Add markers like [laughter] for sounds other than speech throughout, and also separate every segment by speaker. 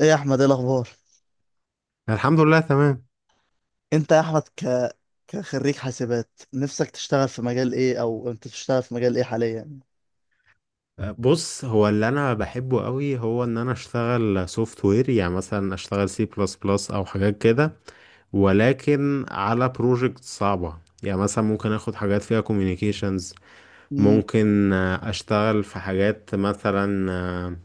Speaker 1: ايه يا احمد، ايه الاخبار؟
Speaker 2: الحمد لله، تمام.
Speaker 1: انت يا احمد كخريج حاسبات، نفسك تشتغل في مجال ايه، او انت بتشتغل في مجال ايه حاليا؟
Speaker 2: بص، هو اللي انا بحبه قوي هو ان انا اشتغل سوفت وير، يعني مثلا اشتغل سي بلس بلس او حاجات كده، ولكن على بروجكت صعبة. يعني مثلا ممكن اخد حاجات فيها communications،
Speaker 1: امم
Speaker 2: ممكن اشتغل في حاجات مثلا آه،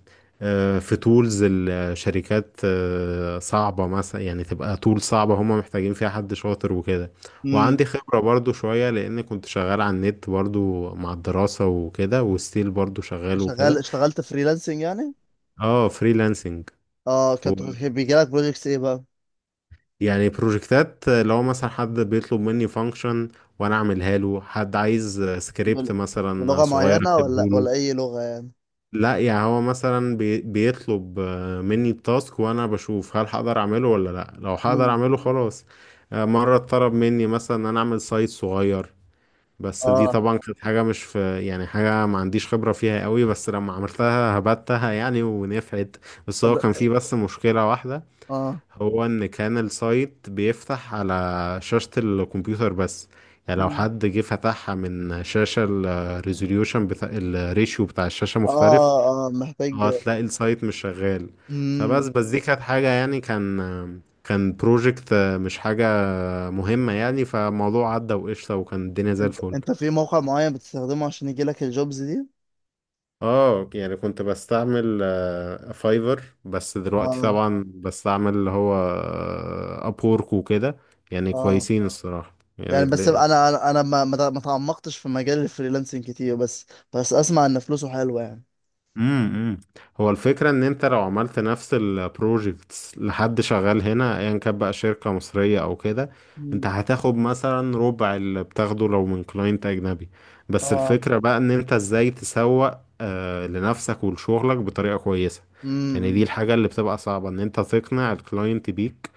Speaker 2: آه، في تولز الشركات صعبة، مثلا يعني تبقى تول صعبة هما محتاجين فيها حد شاطر وكده.
Speaker 1: امم.
Speaker 2: وعندي خبرة برضو شوية، لأن كنت شغال على النت برضو مع الدراسة وكده، وستيل برضو شغال
Speaker 1: شغال،
Speaker 2: وكده.
Speaker 1: اشتغلت فريلانسنج يعني؟
Speaker 2: اه، فريلانسنج.
Speaker 1: اه، كنت بيجي لك بروجكتس ايه بقى؟
Speaker 2: يعني بروجكتات، لو مثلا حد بيطلب مني فانكشن وانا اعملها له، حد عايز
Speaker 1: بل...
Speaker 2: سكريبت مثلا
Speaker 1: بلغة
Speaker 2: صغير
Speaker 1: معينة
Speaker 2: اكتبه
Speaker 1: ولا
Speaker 2: له.
Speaker 1: ولا اي لغة يعني؟
Speaker 2: لا، يعني هو مثلا بيطلب مني التاسك وانا بشوف هل هقدر اعمله ولا لا، لو هقدر
Speaker 1: امم.
Speaker 2: اعمله خلاص. مرة اتطلب مني مثلا ان انا اعمل سايت صغير، بس دي
Speaker 1: اه.
Speaker 2: طبعا كانت حاجة مش في، يعني حاجة ما عنديش خبرة فيها قوي، بس لما عملتها هبتها يعني ونفعت. بس
Speaker 1: طب.
Speaker 2: هو كان فيه بس مشكلة واحدة،
Speaker 1: اه.
Speaker 2: هو ان كان السايت بيفتح على شاشة الكمبيوتر بس. يعني لو
Speaker 1: مم.
Speaker 2: حد جه فتحها من شاشة الريزوليوشن بتاع الريشيو بتاع الشاشة
Speaker 1: اه
Speaker 2: مختلف،
Speaker 1: اه، محتاج.
Speaker 2: هتلاقي السايت مش شغال. فبس
Speaker 1: امم.
Speaker 2: بس دي كانت حاجة، يعني كان بروجكت مش حاجة مهمة يعني، فالموضوع عدى وقشطة، وكان الدنيا زي
Speaker 1: انت
Speaker 2: الفل.
Speaker 1: انت في موقع معين بتستخدمه عشان يجي لك الجوبز دي؟
Speaker 2: اه، يعني كنت بستعمل فايفر، بس دلوقتي
Speaker 1: اه
Speaker 2: طبعا بستعمل اللي هو ابورك وكده. يعني
Speaker 1: اه.
Speaker 2: كويسين الصراحة يعني.
Speaker 1: يعني بس انا ما تعمقتش في مجال الفريلانسنج كتير، بس بس اسمع ان فلوسه حلوه يعني.
Speaker 2: امم، هو الفكرة ان انت لو عملت نفس البروجكتس لحد شغال هنا ايا كان، بقى شركة مصرية او كده،
Speaker 1: مم.
Speaker 2: انت هتاخد مثلا ربع اللي بتاخده لو من كلاينت اجنبي. بس
Speaker 1: اه.
Speaker 2: الفكرة بقى ان انت ازاي تسوق لنفسك ولشغلك بطريقة كويسة. يعني دي
Speaker 1: امم.
Speaker 2: الحاجة اللي بتبقى صعبة، ان انت تقنع الكلاينت بيك،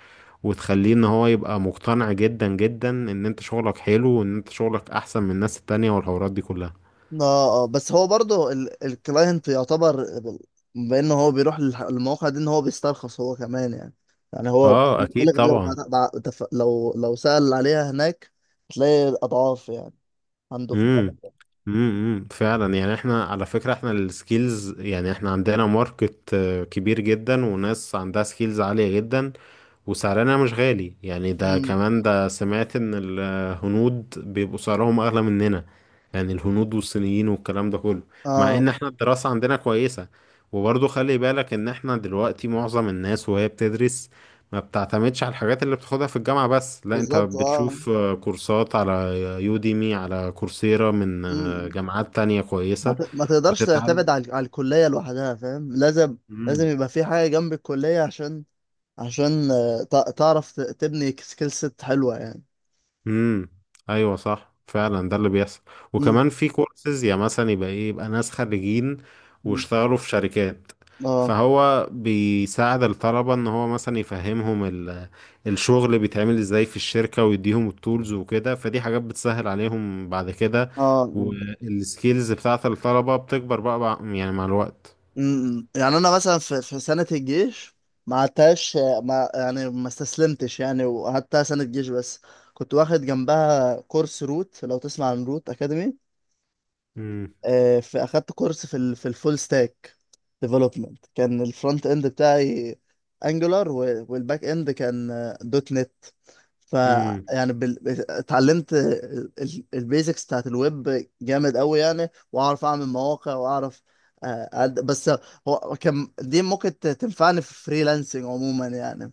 Speaker 2: وتخليه ان هو يبقى مقتنع جدا جدا ان انت شغلك حلو وان انت شغلك احسن من الناس التانية والحوارات دي كلها.
Speaker 1: اه اه، بس هو برضه الكلاينت يعتبر بانه هو بيروح للمواقع دي ان هو بيسترخص هو كمان يعني. يعني هو
Speaker 2: اه، اكيد
Speaker 1: بالك لو
Speaker 2: طبعا.
Speaker 1: لو لو سأل عليها هناك، هتلاقي اضعاف يعني عنده في البلد.
Speaker 2: امم، امم، فعلا، يعني احنا على فكرة، احنا السكيلز، يعني احنا عندنا ماركت كبير جدا، وناس عندها سكيلز عالية جدا، وسعرنا مش غالي، يعني ده
Speaker 1: امم.
Speaker 2: كمان. ده سمعت ان الهنود بيبقوا سعرهم اغلى مننا، يعني الهنود والصينيين والكلام ده كله. مع ان
Speaker 1: اه
Speaker 2: احنا الدراسة عندنا كويسة. وبرضه خلي بالك ان احنا دلوقتي معظم الناس وهي بتدرس ما بتعتمدش على الحاجات اللي بتاخدها في الجامعة بس، لا انت
Speaker 1: بالظبط، اه.
Speaker 2: بتشوف كورسات على يوديمي، على كورسيرا، من جامعات تانية كويسة
Speaker 1: ما تقدرش
Speaker 2: وتتعلم.
Speaker 1: تعتمد على على الكلية لوحدها، فاهم؟ لازم، لازم يبقى في حاجة جنب الكلية عشان عشان آه، تعرف تبني سكيل سيت حلوة يعني.
Speaker 2: امم. ايوه، صح، فعلا ده اللي بيحصل.
Speaker 1: امم.
Speaker 2: وكمان في كورسز، يا مثلا يبقى ايه، يبقى ناس خريجين
Speaker 1: أمم.
Speaker 2: واشتغلوا في شركات،
Speaker 1: اه
Speaker 2: فهو بيساعد الطلبة ان هو مثلا يفهمهم الشغل بيتعمل ازاي في الشركة، ويديهم التولز وكده، فدي حاجات بتسهل عليهم بعد كده.
Speaker 1: اه. أمم.
Speaker 2: والسكيلز بتاعت الطلبة بتكبر بقى يعني مع الوقت.
Speaker 1: أمم. يعني انا مثلا في في سنة الجيش ما عدتهاش، آه، ما يعني ما استسلمتش يعني، وقعدتها سنة جيش بس. كنت واخد جنبها كورس روت، لو تسمع عن روت اكاديمي.
Speaker 2: امم،
Speaker 1: آه، في اخدت كورس في الفول ستاك ديفلوبمنت. كان الفرونت اند بتاعي انجولار، والباك اند كان دوت نت. ف،
Speaker 2: امم.
Speaker 1: يعني بال... اتعلمت البيزكس بتاعت الويب جامد قوي يعني، واعرف اعمل مواقع واعرف آه، بس هو كان دي ممكن تنفعني في فريلانسنج عموما يعني.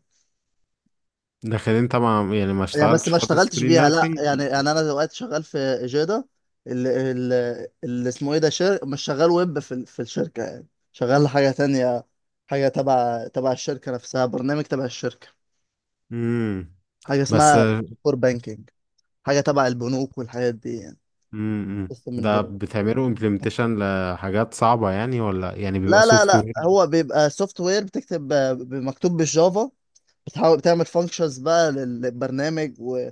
Speaker 2: لكن انت ما يعني ما
Speaker 1: يعني بس
Speaker 2: اشتغلتش
Speaker 1: ما
Speaker 2: خالص
Speaker 1: اشتغلتش بيها، لا
Speaker 2: فريلانسنج؟
Speaker 1: يعني يعني انا دلوقتي شغال في اجادا، اللي, اللي اسمه ايه ده مش شغال ويب في الشركه يعني، شغال حاجه تانية، حاجه تبع الشركه نفسها، برنامج تبع الشركه،
Speaker 2: امم.
Speaker 1: حاجه
Speaker 2: بس.
Speaker 1: اسمها كور بانكينج، حاجه تبع البنوك والحاجات دي يعني،
Speaker 2: امم.
Speaker 1: قسم
Speaker 2: ده
Speaker 1: البنوك.
Speaker 2: بتعملوا امبلمنتيشن لحاجات صعبة يعني، ولا يعني بيبقى
Speaker 1: لا لا
Speaker 2: سوفت
Speaker 1: لا،
Speaker 2: وير؟
Speaker 1: هو بيبقى سوفت وير، بتكتب، مكتوب بالجافا. بتحاول تعمل فانكشنز بقى للبرنامج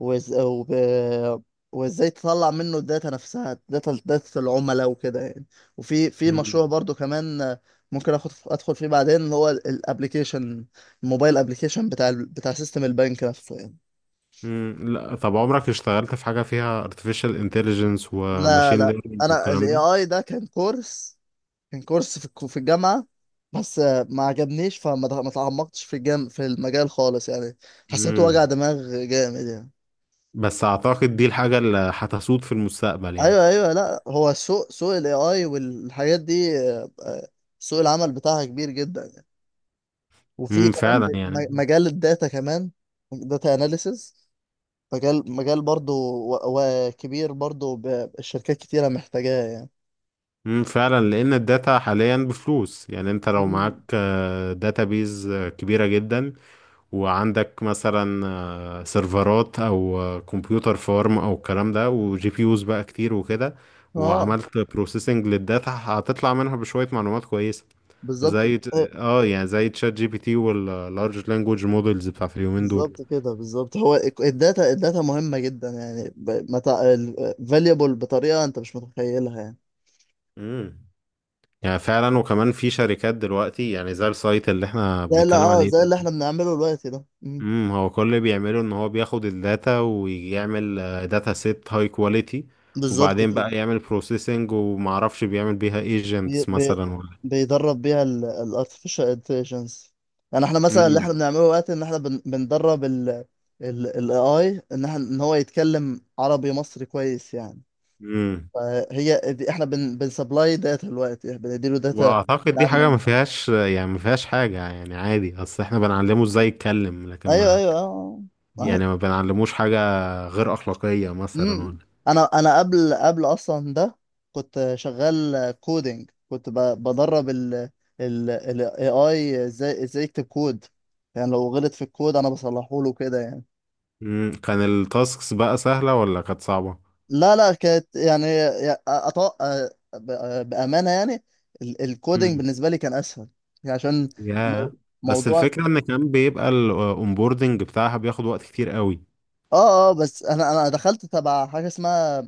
Speaker 1: وز... وب... وازاي تطلع منه الداتا نفسها، داتا داتا العملاء وكده يعني. وفي في مشروع
Speaker 2: امم،
Speaker 1: برضو كمان ممكن اخد ادخل فيه بعدين، اللي هو الابلكيشن، الموبايل ابلكيشن بتاع سيستم البنك نفسه يعني.
Speaker 2: امم. لا، طب عمرك اشتغلت في حاجة فيها artificial intelligence
Speaker 1: لا
Speaker 2: وماشين
Speaker 1: لا،
Speaker 2: ليرنينج
Speaker 1: انا
Speaker 2: والكلام
Speaker 1: الاي
Speaker 2: ده؟
Speaker 1: اي ده كان كورس، كان كورس في الجامعه، بس آه، ما عجبنيش ما تعمقتش في المجال خالص يعني، حسيته وجع
Speaker 2: امم،
Speaker 1: دماغ جامد يعني.
Speaker 2: بس اعتقد دي الحاجة اللي هتسود في المستقبل يعني.
Speaker 1: ايوه ايوه، لا هو سوق، سوق الاي اي والحاجات دي، آه، آه، سوق العمل بتاعها كبير جدا. وفي
Speaker 2: امم،
Speaker 1: كمان
Speaker 2: فعلا يعني.
Speaker 1: مجال الداتا كمان، داتا اناليسز، مجال برضو، و- وكبير برضو، الشركات كتيرة محتاجاه يعني.
Speaker 2: امم، فعلا، لان الداتا حاليا بفلوس، يعني انت لو معاك
Speaker 1: مم.
Speaker 2: داتابيز كبيرة جدا، وعندك مثلا سيرفرات او كمبيوتر فارم او الكلام ده، وجي بي يوز بقى كتير وكده،
Speaker 1: اه
Speaker 2: وعملت بروسيسنج للداتا، هتطلع منها بشوية معلومات كويسة.
Speaker 1: بالظبط،
Speaker 2: زي ت-
Speaker 1: آه،
Speaker 2: اه، يعني زي تشات جي بي تي واللارج لانجوج مودلز بتاعت اليومين دول.
Speaker 1: بالظبط كده، بالظبط. هو الداتا، الداتا مهمة جدا يعني، فاليبل بطريقة انت مش متخيلها يعني.
Speaker 2: امم، يعني فعلا، وكمان في شركات دلوقتي، يعني زي السايت اللي احنا
Speaker 1: زي اللي،
Speaker 2: بنتكلم
Speaker 1: اه،
Speaker 2: عليه.
Speaker 1: زي اللي احنا بنعمله دلوقتي ده. مم.
Speaker 2: امم. هو كل اللي بيعمله ان هو بياخد الداتا ويعمل داتا سيت هاي كواليتي،
Speaker 1: بالظبط
Speaker 2: وبعدين
Speaker 1: كده.
Speaker 2: بقى يعمل بروسيسنج، ومعرفش بيعمل بيها
Speaker 1: بي
Speaker 2: ايجنتس
Speaker 1: بي
Speaker 2: مثلا ولا.
Speaker 1: بيدرب بيها ال ال artificial intelligence يعني احنا مثلا اللي احنا
Speaker 2: امم،
Speaker 1: بنعمله دلوقتي، ان احنا بندرب ال AI، ان احنا ان هو يتكلم عربي مصري كويس يعني.
Speaker 2: امم.
Speaker 1: فهي دي احنا بنسبلاي داتا دلوقتي، بنديله داتا
Speaker 2: واعتقد دي حاجه ما
Speaker 1: تعلم.
Speaker 2: فيهاش، يعني ما فيهاش حاجه، يعني عادي. اصل احنا بنعلمه ازاي يتكلم، لكن
Speaker 1: ايوه
Speaker 2: ما
Speaker 1: ايوه اه. آه.
Speaker 2: يعني ما بنعلموش حاجه غير اخلاقيه مثلا
Speaker 1: مم.
Speaker 2: ولا.
Speaker 1: انا انا قبل اصلا ده كنت شغال كودينج، كنت بدرب ال AI ازاي، ازاي يكتب كود، يعني لو غلط في الكود انا بصلحه له كده يعني.
Speaker 2: امم، كان التاسكس بقى سهله ولا كانت صعبه؟
Speaker 1: لا لا، كانت يعني آه، آه، بأمانة يعني الكودينج
Speaker 2: امم،
Speaker 1: بالنسبة لي كان اسهل، يعني عشان مو-
Speaker 2: يا بس
Speaker 1: موضوع.
Speaker 2: الفكره ان كان بيبقى الاونبوردنج بتاعها بياخد وقت كتير قوي.
Speaker 1: اه اه، بس انا انا دخلت تبع حاجه اسمها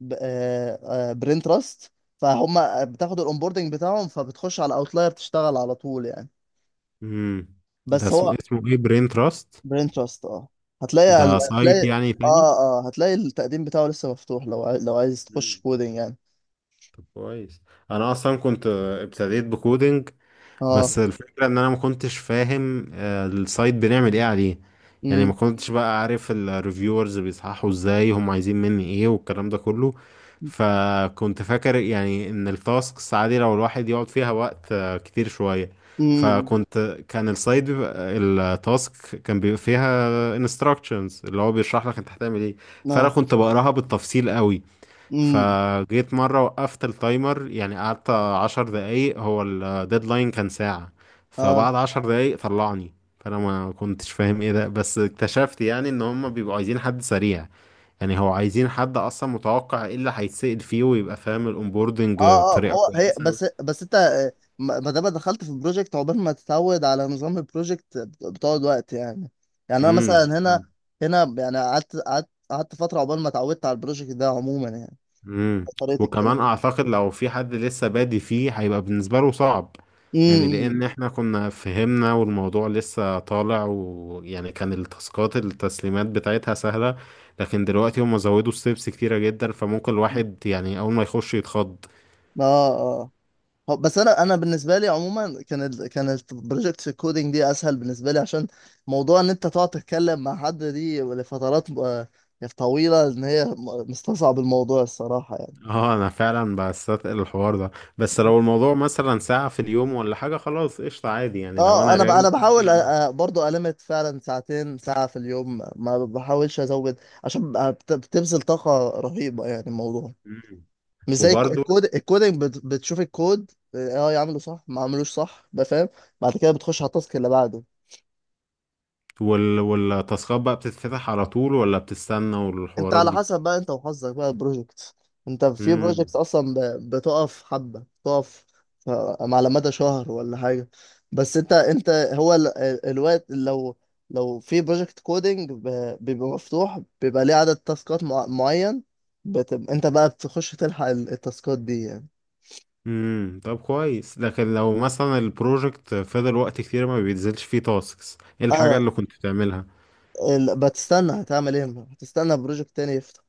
Speaker 1: ب... آه آه برين تراست، فهم بتاخد الاونبوردنج بتاعهم، فبتخش على اوتلاير تشتغل على طول يعني.
Speaker 2: امم، ده
Speaker 1: بس هو،
Speaker 2: اسمه ايه؟ برين تراست؟
Speaker 1: برين تراست، اه. هتلاقي،
Speaker 2: ده سايت
Speaker 1: هتلاقي،
Speaker 2: يعني تاني؟
Speaker 1: اه اه، هتلاقي التقديم بتاعه لسه مفتوح لو لو عايز تخش
Speaker 2: مم.
Speaker 1: كودينج يعني.
Speaker 2: طب كويس. انا اصلا كنت ابتديت بكودينج،
Speaker 1: اه.
Speaker 2: بس الفكرة ان انا ما كنتش فاهم السايت بنعمل ايه عليه. يعني ما
Speaker 1: امم.
Speaker 2: كنتش بقى عارف الريفيورز بيصححوا ازاي، هم عايزين مني ايه والكلام ده كله. فكنت فاكر يعني ان التاسكس عادي لو الواحد يقعد فيها وقت كتير شوية.
Speaker 1: امم.
Speaker 2: فكنت كان السايت بيبقى التاسك، كان بيبقى فيها instructions اللي هو بيشرح لك انت هتعمل ايه. فانا
Speaker 1: اه.
Speaker 2: كنت بقراها بالتفصيل قوي.
Speaker 1: امم.
Speaker 2: فجيت مرة وقفت التايمر، يعني قعدت 10 دقايق، هو الديدلاين كان ساعة.
Speaker 1: اه
Speaker 2: فبعد 10 دقايق طلعني، فأنا ما كنتش فاهم ايه ده، بس اكتشفت يعني ان هما بيبقوا عايزين حد سريع. يعني هو عايزين حد اصلا متوقع ايه اللي هيتسأل فيه ويبقى فاهم الاونبوردنج
Speaker 1: اه اه،
Speaker 2: بطريقة
Speaker 1: هو هي
Speaker 2: كويسة.
Speaker 1: بس بس انت آه، ما ما دام دخلت في البروجكت، عقبال ما تتعود على نظام البروجكت بتقعد وقت يعني. يعني انا
Speaker 2: امم،
Speaker 1: مثلا هنا، هنا يعني قعدت قعدت فتره عقبال ما اتعودت على البروجكت ده عموما يعني،
Speaker 2: امم.
Speaker 1: طريقه
Speaker 2: وكمان
Speaker 1: الكلام.
Speaker 2: اعتقد لو في حد لسه بادي فيه هيبقى بالنسبه له صعب. يعني
Speaker 1: امم.
Speaker 2: لان احنا كنا فهمنا والموضوع لسه طالع، ويعني كان التاسكات التسليمات بتاعتها سهله، لكن دلوقتي هم زودوا ستيبس كتيره جدا، فممكن
Speaker 1: إمم.
Speaker 2: الواحد يعني اول ما يخش يتخض.
Speaker 1: اه اه، بس انا انا بالنسبه لي عموما كان كانت بروجكت الكودينج دي اسهل بالنسبه لي، عشان موضوع ان انت تقعد تتكلم مع حد دي لفترات آه، طويله ان هي مستصعب الموضوع الصراحه
Speaker 2: اه، انا فعلا بستثقل الحوار ده. بس
Speaker 1: يعني.
Speaker 2: لو الموضوع مثلا ساعه في اليوم ولا حاجه، خلاص قشطه، عادي، يعني لو
Speaker 1: اه
Speaker 2: انا
Speaker 1: انا انا
Speaker 2: رايق ممكن
Speaker 1: بحاول
Speaker 2: أعمل.
Speaker 1: برضو ألمت فعلا ساعتين، ساعة في اليوم ما بحاولش ازود، عشان بتبذل طاقة رهيبة يعني الموضوع.
Speaker 2: مم.
Speaker 1: مش زي
Speaker 2: وبرضه
Speaker 1: الكودينج بتشوف الكود، اه، آه، يعمله صح، ما عملوش صح، بقى فاهم. بعد كده بتخش على التاسك اللي بعده.
Speaker 2: والتاسكات بقى بتتفتح على طول ولا بتستنى
Speaker 1: انت
Speaker 2: والحوارات
Speaker 1: على
Speaker 2: دي؟
Speaker 1: حسب بقى، انت وحظك بقى البروجكت. انت في
Speaker 2: امم،
Speaker 1: بروجكت اصلا بتقف حبة، بتقف ف، على مدى شهر ولا حاجة. بس انت انت هو الوقت لو، لو في بروجكت كودينج بيبقى مفتوح، بيبقى ليه عدد تاسكات معين، بتبقى انت بقى بتخش تلحق التاسكات دي يعني.
Speaker 2: امم. طب كويس. لكن لو مثلا البروجكت فضل وقت كتير ما بينزلش فيه تاسكس، ايه الحاجة
Speaker 1: اه.
Speaker 2: اللي كنت بتعملها؟
Speaker 1: بتستنى، هتعمل ايه، هتستنى بروجكت تاني يفتح.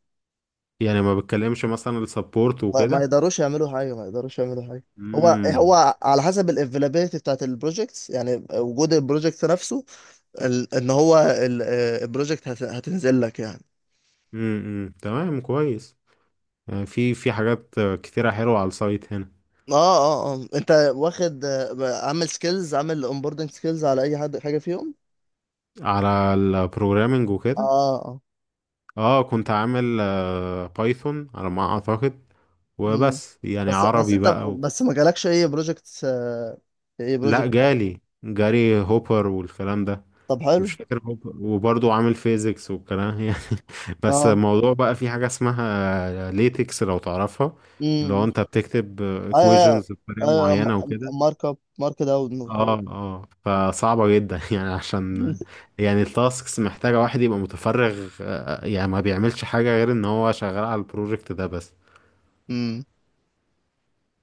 Speaker 2: يعني ما بتكلمش مثلا السبورت
Speaker 1: ما
Speaker 2: وكده؟
Speaker 1: يقدروش يعملوا حاجه، ما يقدروش يعملوا حاجه. هو
Speaker 2: امم،
Speaker 1: هو على حسب الافيلابيلتي بتاعت البروجكتس، يعني وجود البروجكت نفسه، ال- ان هو البروجكت هتنزل لك يعني.
Speaker 2: امم. تمام، كويس. يعني في حاجات كتيرة حلوة على السايت هنا.
Speaker 1: اه اه اه، انت واخد آه، عامل سكيلز، عامل اونبوردنج سكيلز على اي حد، حاجه فيهم؟
Speaker 2: على البروجرامينج
Speaker 1: اه
Speaker 2: وكده.
Speaker 1: اه.
Speaker 2: اه، كنت عامل بايثون على ما اعتقد.
Speaker 1: مم.
Speaker 2: وبس يعني
Speaker 1: بس بس
Speaker 2: عربي
Speaker 1: انت،
Speaker 2: بقى و...
Speaker 1: بس ما جالكش اي بروجكت، اي
Speaker 2: لا،
Speaker 1: بروجكت؟
Speaker 2: جالي جاري هوبر والكلام ده.
Speaker 1: طب حلو.
Speaker 2: مش فاكر هو، وبرضه عامل فيزيكس والكلام [laughs] يعني. بس
Speaker 1: اه.
Speaker 2: الموضوع بقى في حاجة اسمها ليتكس لو تعرفها، اللي هو
Speaker 1: امم.
Speaker 2: انت بتكتب
Speaker 1: ايوه
Speaker 2: equations بطريقة
Speaker 1: ايوه.
Speaker 2: معينة وكده.
Speaker 1: مارك اب، مارك داون.
Speaker 2: اه، اه، فصعبة جدا [laughs] يعني، عشان
Speaker 1: [laughs]
Speaker 2: يعني التاسكس محتاجة واحد يبقى متفرغ، يعني ما بيعملش حاجة غير ان هو شغال على البروجكت ده بس.
Speaker 1: امم.